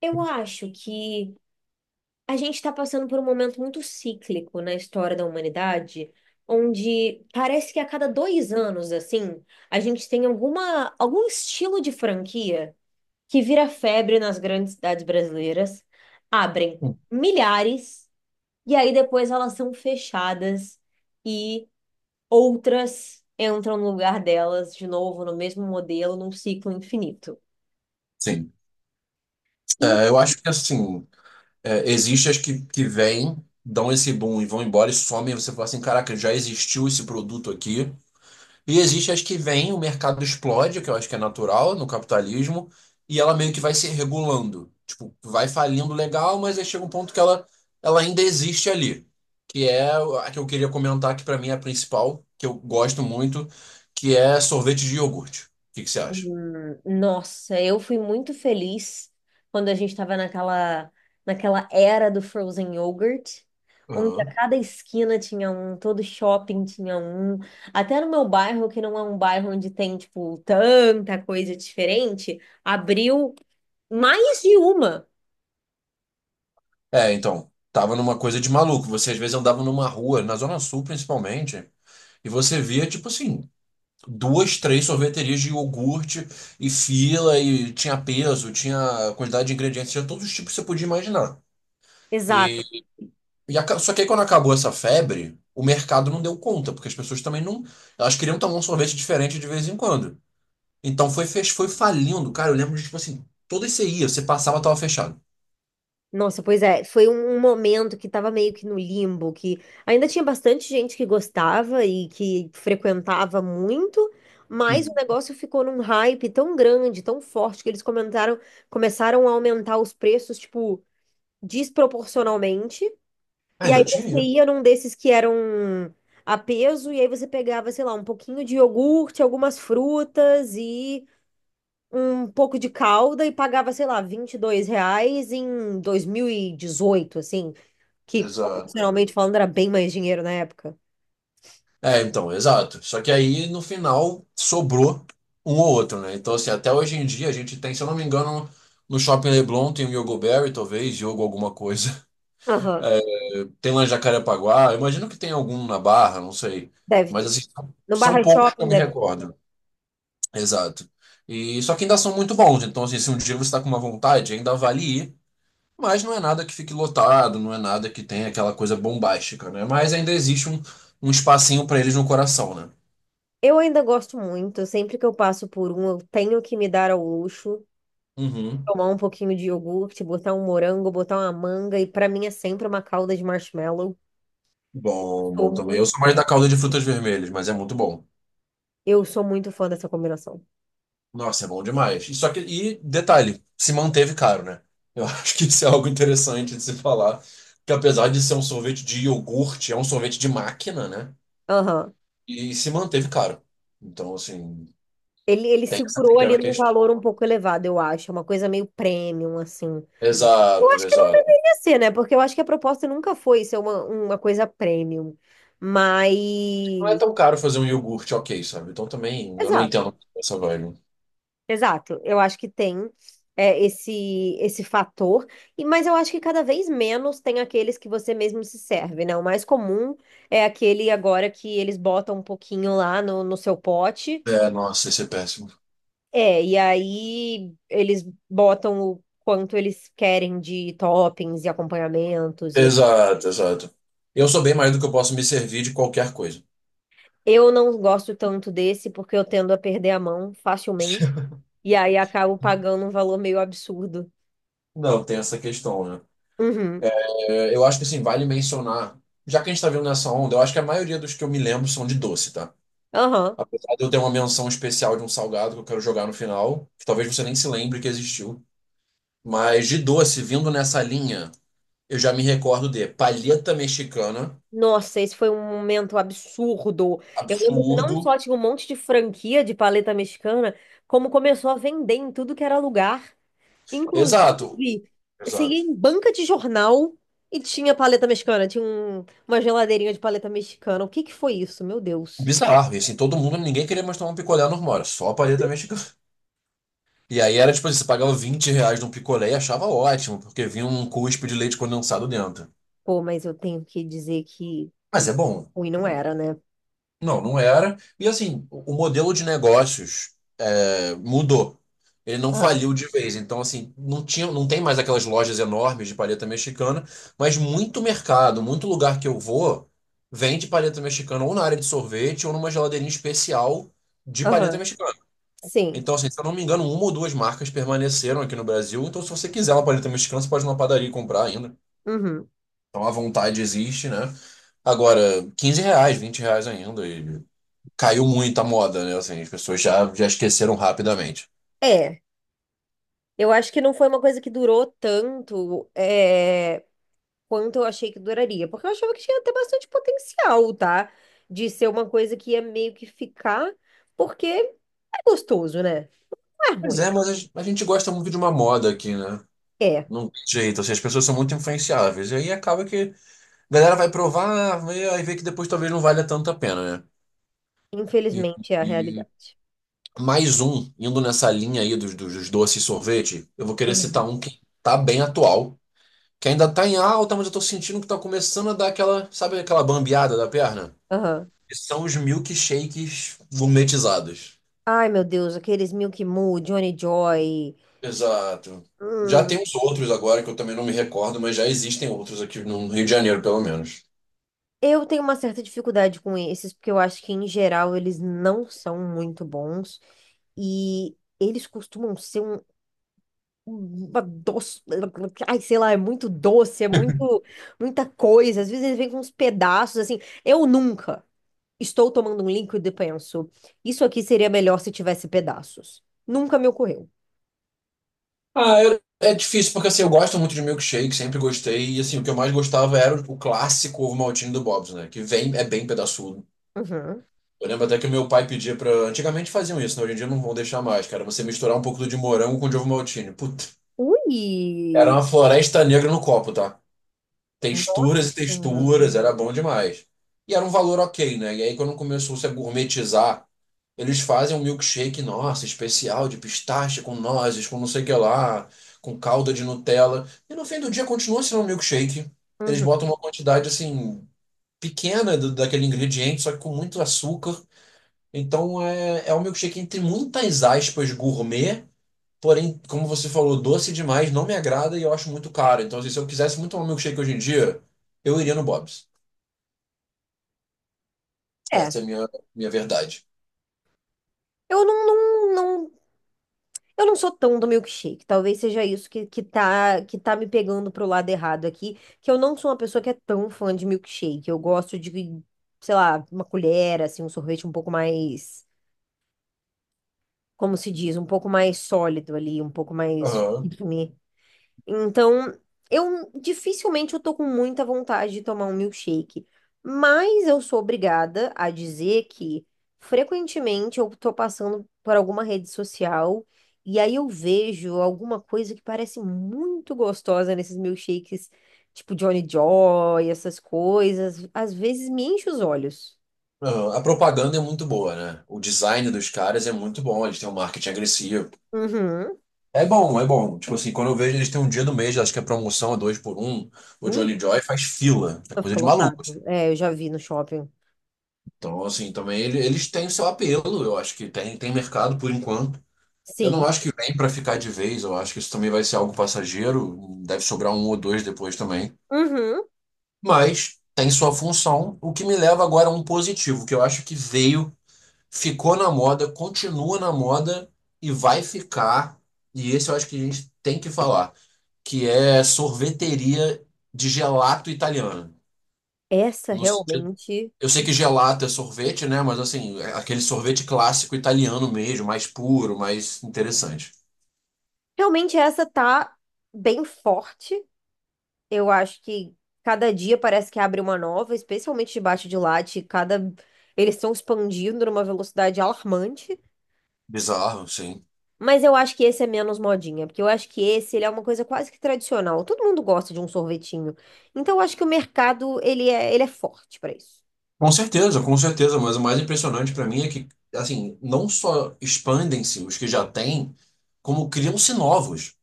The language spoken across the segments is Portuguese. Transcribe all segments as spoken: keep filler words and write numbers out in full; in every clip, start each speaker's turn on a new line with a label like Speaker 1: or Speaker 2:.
Speaker 1: Eu acho que a gente está passando por um momento muito cíclico na história da humanidade, onde parece que a cada dois anos, assim, a gente tem alguma, algum estilo de franquia que vira febre nas grandes cidades brasileiras, abrem milhares, e aí depois elas são fechadas e outras entram no lugar delas de novo, no mesmo modelo, num ciclo infinito.
Speaker 2: Sim. É, eu acho que assim, é, existe as que, que vêm, dão esse boom e vão embora e somem, e você fala assim, caraca, já existiu esse produto aqui. E existe as que vêm, o mercado explode, que eu acho que é natural no capitalismo, e ela meio que vai se regulando. Tipo, vai falindo legal, mas aí chega um ponto que ela, ela ainda existe ali. Que é a que eu queria comentar, que pra mim é a principal, que eu gosto muito, que é sorvete de iogurte. O que que você acha?
Speaker 1: Hum, Nossa, eu fui muito feliz quando a gente estava naquela, naquela era do frozen yogurt, onde a cada esquina tinha um, todo shopping tinha um. Até no meu bairro, que não é um bairro onde tem, tipo, tanta coisa diferente, abriu mais de uma.
Speaker 2: É, então, tava numa coisa de maluco. Você às vezes andava numa rua, na Zona Sul principalmente, e você via, tipo assim, duas, três sorveterias de iogurte e fila, e tinha peso, tinha quantidade de ingredientes, tinha todos os tipos que você podia imaginar.
Speaker 1: Exato.
Speaker 2: E, e aca- só que aí quando acabou essa febre, o mercado não deu conta, porque as pessoas também não. Elas queriam tomar um sorvete diferente de vez em quando. Então foi, fech- foi falindo, cara. Eu lembro de, tipo assim, toda você ia, você passava, tava fechado.
Speaker 1: Nossa, pois é, foi um um momento que tava meio que no limbo, que ainda tinha bastante gente que gostava e que frequentava muito, mas o
Speaker 2: Uhum.
Speaker 1: negócio ficou num hype tão grande, tão forte, que eles comentaram, começaram a aumentar os preços, tipo, desproporcionalmente. E aí
Speaker 2: Ainda tinha
Speaker 1: você
Speaker 2: isso.
Speaker 1: ia num desses que eram a peso, e aí você pegava, sei lá, um pouquinho de iogurte, algumas frutas e um pouco de calda e pagava, sei lá, vinte e dois reais em dois mil e dezoito assim, que
Speaker 2: Exato.
Speaker 1: proporcionalmente falando era bem mais dinheiro na época.
Speaker 2: É, então, exato. Só que aí, no final, sobrou um ou outro, né? Então, assim, até hoje em dia a gente tem, se eu não me engano, no Shopping Leblon tem o Yogo Berry, talvez, Yogo alguma coisa.
Speaker 1: Aham,
Speaker 2: É, tem lá em Jacarepaguá, eu imagino que tem algum na Barra, não sei.
Speaker 1: deve
Speaker 2: Mas,
Speaker 1: ter.
Speaker 2: assim, são
Speaker 1: No
Speaker 2: são
Speaker 1: Barra
Speaker 2: poucos que eu
Speaker 1: Shopping
Speaker 2: me
Speaker 1: deve.
Speaker 2: recordo. Exato. E só que ainda são muito bons. Então, assim, se um dia você está com uma vontade, ainda vale ir. Mas não é nada que fique lotado, não é nada que tenha aquela coisa bombástica, né? Mas ainda existe um, um espacinho para eles no coração, né?
Speaker 1: Eu ainda gosto muito, sempre que eu passo por um, eu tenho que me dar ao luxo,
Speaker 2: Uhum.
Speaker 1: tomar um pouquinho de iogurte, botar um morango, botar uma manga, e pra mim é sempre uma calda de marshmallow.
Speaker 2: Bom, bom
Speaker 1: Sou
Speaker 2: também.
Speaker 1: muito,
Speaker 2: Eu sou mais da calda de frutas vermelhas, mas é muito bom.
Speaker 1: eu sou muito fã dessa combinação.
Speaker 2: Nossa, é bom demais. E só que, e detalhe, se manteve caro, né? Eu acho que isso é algo interessante de se falar, que apesar de ser um sorvete de iogurte, é um sorvete de máquina, né?
Speaker 1: Aham.
Speaker 2: E se manteve caro. Então, assim,
Speaker 1: Ele, ele
Speaker 2: tem essa
Speaker 1: segurou
Speaker 2: pequena
Speaker 1: ali num valor um
Speaker 2: questão.
Speaker 1: pouco elevado, eu acho. É uma coisa meio premium, assim. Eu
Speaker 2: Exato,
Speaker 1: acho que não
Speaker 2: exato.
Speaker 1: deveria ser, né? Porque eu acho que a proposta nunca foi ser uma, uma coisa premium.
Speaker 2: Não é
Speaker 1: Mas.
Speaker 2: tão caro fazer um iogurte, ok, sabe? Então também eu não
Speaker 1: Exato,
Speaker 2: entendo essa vibe.
Speaker 1: exato. Eu acho que tem é, esse esse fator. E, mas eu acho que cada vez menos tem aqueles que você mesmo se serve, né? O mais comum é aquele agora que eles botam um pouquinho lá no, no seu pote.
Speaker 2: É, nossa, isso é péssimo.
Speaker 1: É, e aí eles botam o quanto eles querem de toppings e acompanhamentos e
Speaker 2: Exato, exato. Eu sou bem mais do que eu posso me servir de qualquer coisa.
Speaker 1: eu não gosto tanto desse porque eu tendo a perder a mão facilmente. E aí acabo pagando um valor meio absurdo.
Speaker 2: Não, tem essa questão, né?
Speaker 1: Uhum.
Speaker 2: É, eu acho que assim, vale mencionar, já que a gente tá vendo nessa onda, eu acho que a maioria dos que eu me lembro são de doce, tá?
Speaker 1: Aham.
Speaker 2: Apesar de eu ter uma menção especial de um salgado que eu quero jogar no final, que talvez você nem se lembre que existiu. Mas de doce, vindo nessa linha, eu já me recordo de palheta mexicana,
Speaker 1: Nossa, esse foi um momento absurdo. Eu lembro que não
Speaker 2: absurdo.
Speaker 1: só tinha um monte de franquia de paleta mexicana, como começou a vender em tudo que era lugar. Inclusive,
Speaker 2: Exato,
Speaker 1: você ia
Speaker 2: exato.
Speaker 1: em banca de jornal e tinha paleta mexicana. Tinha um- uma geladeirinha de paleta mexicana. O que que foi isso? Meu Deus.
Speaker 2: Bizarro, e assim, todo mundo, ninguém queria mais tomar um picolé normal, era só a palheta mexicana. E aí era tipo assim, você pagava vinte reais num picolé e achava ótimo, porque vinha um cuspe de leite condensado dentro.
Speaker 1: Pô, mas eu tenho que dizer que
Speaker 2: Mas é bom,
Speaker 1: ruim
Speaker 2: é
Speaker 1: não
Speaker 2: bom.
Speaker 1: era, né?
Speaker 2: Não, não era. E assim, o o modelo de negócios é, mudou. Ele não faliu de vez. Então, assim, não tinha, não tem mais aquelas lojas enormes de paleta mexicana, mas muito mercado, muito lugar que eu vou, vende paleta mexicana ou na área de sorvete ou numa geladeirinha especial de paleta
Speaker 1: Aham,
Speaker 2: mexicana.
Speaker 1: sim.
Speaker 2: Então, assim, se eu não me engano, uma ou duas marcas permaneceram aqui no Brasil. Então, se você quiser uma paleta mexicana, você pode ir numa padaria e comprar ainda.
Speaker 1: Uhum.
Speaker 2: Então a vontade existe, né? Agora, quinze reais, vinte reais ainda. E caiu muito a moda, né? Assim, as pessoas já, já esqueceram rapidamente.
Speaker 1: É, eu acho que não foi uma coisa que durou tanto é, quanto eu achei que duraria, porque eu achava que tinha até bastante potencial, tá? De ser uma coisa que ia meio que ficar, porque é gostoso, né? Não é
Speaker 2: Pois
Speaker 1: ruim.
Speaker 2: é, mas a gen- a gente gosta muito de uma moda aqui, né?
Speaker 1: É,
Speaker 2: Não tem jeito, assim, as pessoas são muito influenciáveis. E aí acaba que a galera vai provar, vê- aí vê que depois talvez não valha tanto a pena, né?
Speaker 1: infelizmente é a
Speaker 2: E,
Speaker 1: realidade.
Speaker 2: Mais um, indo nessa linha aí dos, dos, dos doces e sorvete, eu vou querer citar
Speaker 1: Uhum.
Speaker 2: um que tá bem atual, que ainda tá em alta, mas eu tô sentindo que tá começando a dar aquela, sabe aquela bambeada da perna?
Speaker 1: Aham.
Speaker 2: Que são os milkshakes gourmetizados.
Speaker 1: Ai, meu Deus, aqueles Milk Mu, Johnny Joy.
Speaker 2: Exato. Já
Speaker 1: Hum,
Speaker 2: tem uns outros agora que eu também não me recordo, mas já existem outros aqui no Rio de Janeiro, pelo menos.
Speaker 1: eu tenho uma certa dificuldade com esses, porque eu acho que, em geral, eles não são muito bons. E eles costumam ser um, uma doce. Ai, sei lá, é muito doce, é muito, muita coisa. Às vezes eles vêm com uns pedaços, assim. Eu nunca estou tomando um líquido e penso, isso aqui seria melhor se tivesse pedaços. Nunca me ocorreu.
Speaker 2: Ah, eu- é difícil, porque assim, eu gosto muito de milkshake, sempre gostei, e assim, o que eu mais gostava era o clássico ovo maltine do Bob's, né? Que vem, é bem pedaçudo.
Speaker 1: Uhum.
Speaker 2: Eu lembro até que meu pai pedia pra. Antigamente faziam isso, né? Hoje em dia não vão deixar mais, cara. Você misturar um pouco de morango com de ovo maltine. Puta. Era
Speaker 1: Ui!
Speaker 2: uma floresta negra no copo, tá?
Speaker 1: Nossa!
Speaker 2: Texturas e
Speaker 1: Uhum.
Speaker 2: texturas, era bom demais. E era um valor ok, né? E aí quando começou a gourmetizar, eles fazem um milkshake, nossa, especial, de pistache, com nozes, com não sei o que lá, com calda de Nutella. E no fim do dia continua sendo um milkshake. Eles botam uma quantidade, assim, pequena do- daquele ingrediente, só que com muito açúcar. Então é, é um milkshake entre muitas aspas gourmet, porém, como você falou, doce demais, não me agrada e eu acho muito caro. Então, assim, se eu quisesse muito tomar milkshake hoje em dia, eu iria no Bob's.
Speaker 1: É.
Speaker 2: Essa é a minha, minha verdade.
Speaker 1: Eu não, não, Eu não sou tão do milkshake. Talvez seja isso que, que tá, que tá me pegando pro lado errado aqui, que eu não sou uma pessoa que é tão fã de milkshake. Eu gosto de, sei lá, uma colher, assim, um sorvete um pouco mais, como se diz, um pouco mais sólido ali, um pouco mais
Speaker 2: Aham,
Speaker 1: firme. Então, eu dificilmente eu tô com muita vontade de tomar um milkshake, mas eu sou obrigada a dizer que frequentemente eu tô passando por alguma rede social e aí eu vejo alguma coisa que parece muito gostosa nesses milkshakes, tipo Johnny Joy, essas coisas, às vezes me enche os olhos.
Speaker 2: aham. A propaganda é muito boa, né? O design dos caras é muito bom, eles têm um marketing agressivo.
Speaker 1: Uhum.
Speaker 2: É bom, é bom. Tipo assim, quando eu vejo eles têm um dia do mês, acho que a promoção é dois por um, o
Speaker 1: Ui,
Speaker 2: Johnny Joy faz fila. É
Speaker 1: só
Speaker 2: coisa
Speaker 1: fica
Speaker 2: de maluco, assim.
Speaker 1: lotado. É, eu já vi no shopping.
Speaker 2: Então, assim, também ele- eles têm o seu apelo, eu acho que tem, tem mercado por enquanto. Eu não
Speaker 1: Sim.
Speaker 2: acho que vem pra ficar de vez, eu acho que isso também vai ser algo passageiro, deve sobrar um ou dois depois também.
Speaker 1: Uhum.
Speaker 2: Mas tem sua função, o que me leva agora a um positivo, que eu acho que veio, ficou na moda, continua na moda e vai ficar. E esse eu acho que a gente tem que falar, que é sorveteria de gelato italiana.
Speaker 1: Essa
Speaker 2: No sentido,
Speaker 1: realmente
Speaker 2: eu sei que gelato é sorvete, né? Mas assim, é aquele sorvete clássico italiano mesmo, mais puro, mais interessante.
Speaker 1: Realmente essa tá bem forte. Eu acho que cada dia parece que abre uma nova, especialmente debaixo de latte, cada eles estão expandindo numa velocidade alarmante.
Speaker 2: Bizarro, sim.
Speaker 1: Mas eu acho que esse é menos modinha, porque eu acho que esse ele é uma coisa quase que tradicional. Todo mundo gosta de um sorvetinho. Então eu acho que o mercado ele é ele é forte pra isso.
Speaker 2: Com certeza, com certeza, mas o mais impressionante para mim é que, assim, não só expandem-se os que já têm, como criam-se novos.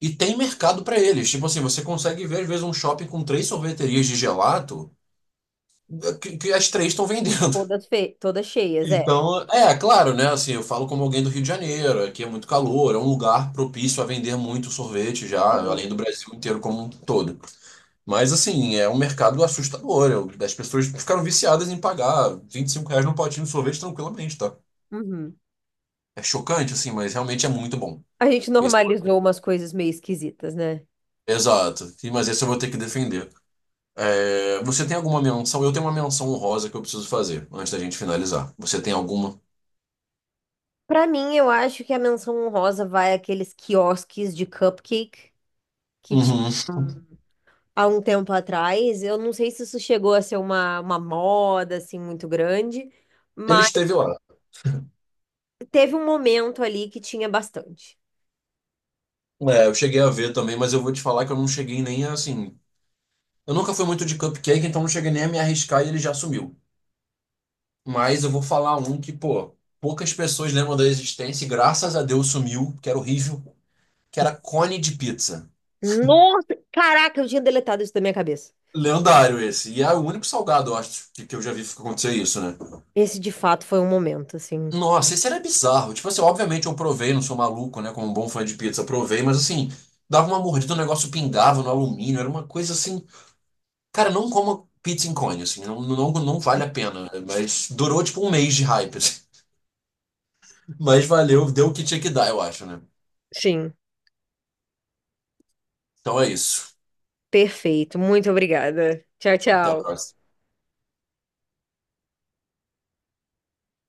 Speaker 2: E tem mercado para eles. Tipo assim, você consegue ver, às vezes, um shopping com três sorveterias de gelato é, que, que as três estão vendendo.
Speaker 1: Todas fe... todas cheias, é.
Speaker 2: Então, é, é claro, né? Assim, eu falo como alguém do Rio de Janeiro, aqui é muito calor, é um lugar propício a vender muito sorvete já, além
Speaker 1: Aham.
Speaker 2: do Brasil inteiro como um todo. Mas assim, é um mercado assustador. Eu- As pessoas ficaram viciadas em pagar vinte e cinco reais num potinho de sorvete tranquilamente, tá?
Speaker 1: Uhum.
Speaker 2: É chocante, assim, mas realmente é muito bom.
Speaker 1: A gente
Speaker 2: Esse-
Speaker 1: normalizou umas coisas meio esquisitas, né?
Speaker 2: Exato. E- Mas esse eu vou ter que defender. É, você tem alguma menção? Eu tenho uma menção honrosa que eu preciso fazer antes da gente finalizar. Você tem alguma?
Speaker 1: Pra mim, eu acho que a menção honrosa vai àqueles quiosques de cupcake que ti-
Speaker 2: Uhum.
Speaker 1: há um tempo atrás, eu não sei se isso chegou a ser uma, uma moda assim muito grande,
Speaker 2: Ele
Speaker 1: mas
Speaker 2: esteve lá.
Speaker 1: teve um momento ali que tinha bastante.
Speaker 2: É, eu cheguei a ver também, mas eu vou te falar que eu não cheguei nem assim. Eu nunca fui muito de cupcake, então não cheguei nem a me arriscar e ele já sumiu. Mas eu vou falar um que, pô, poucas pessoas lembram da existência e graças a Deus sumiu, que era horrível, que era cone de pizza.
Speaker 1: Nossa, caraca, eu tinha deletado isso da minha cabeça.
Speaker 2: Lendário esse. E é o único salgado, eu acho, que, que eu já vi acontecer isso, né?
Speaker 1: Esse de fato foi um momento assim.
Speaker 2: Nossa, esse era bizarro. Tipo assim, obviamente eu provei, não sou maluco, né? Como um bom fã de pizza, provei, mas assim, dava uma mordida, o negócio pingava no alumínio, era uma coisa assim. Cara, não coma pizza em cone, assim, não, não, não vale a pena, né? Mas durou tipo um mês de hype, assim. Mas valeu, deu o que tinha que dar, eu acho, né?
Speaker 1: Sim,
Speaker 2: Então é isso.
Speaker 1: perfeito. Muito obrigada. Tchau,
Speaker 2: Até a
Speaker 1: tchau.
Speaker 2: próxima.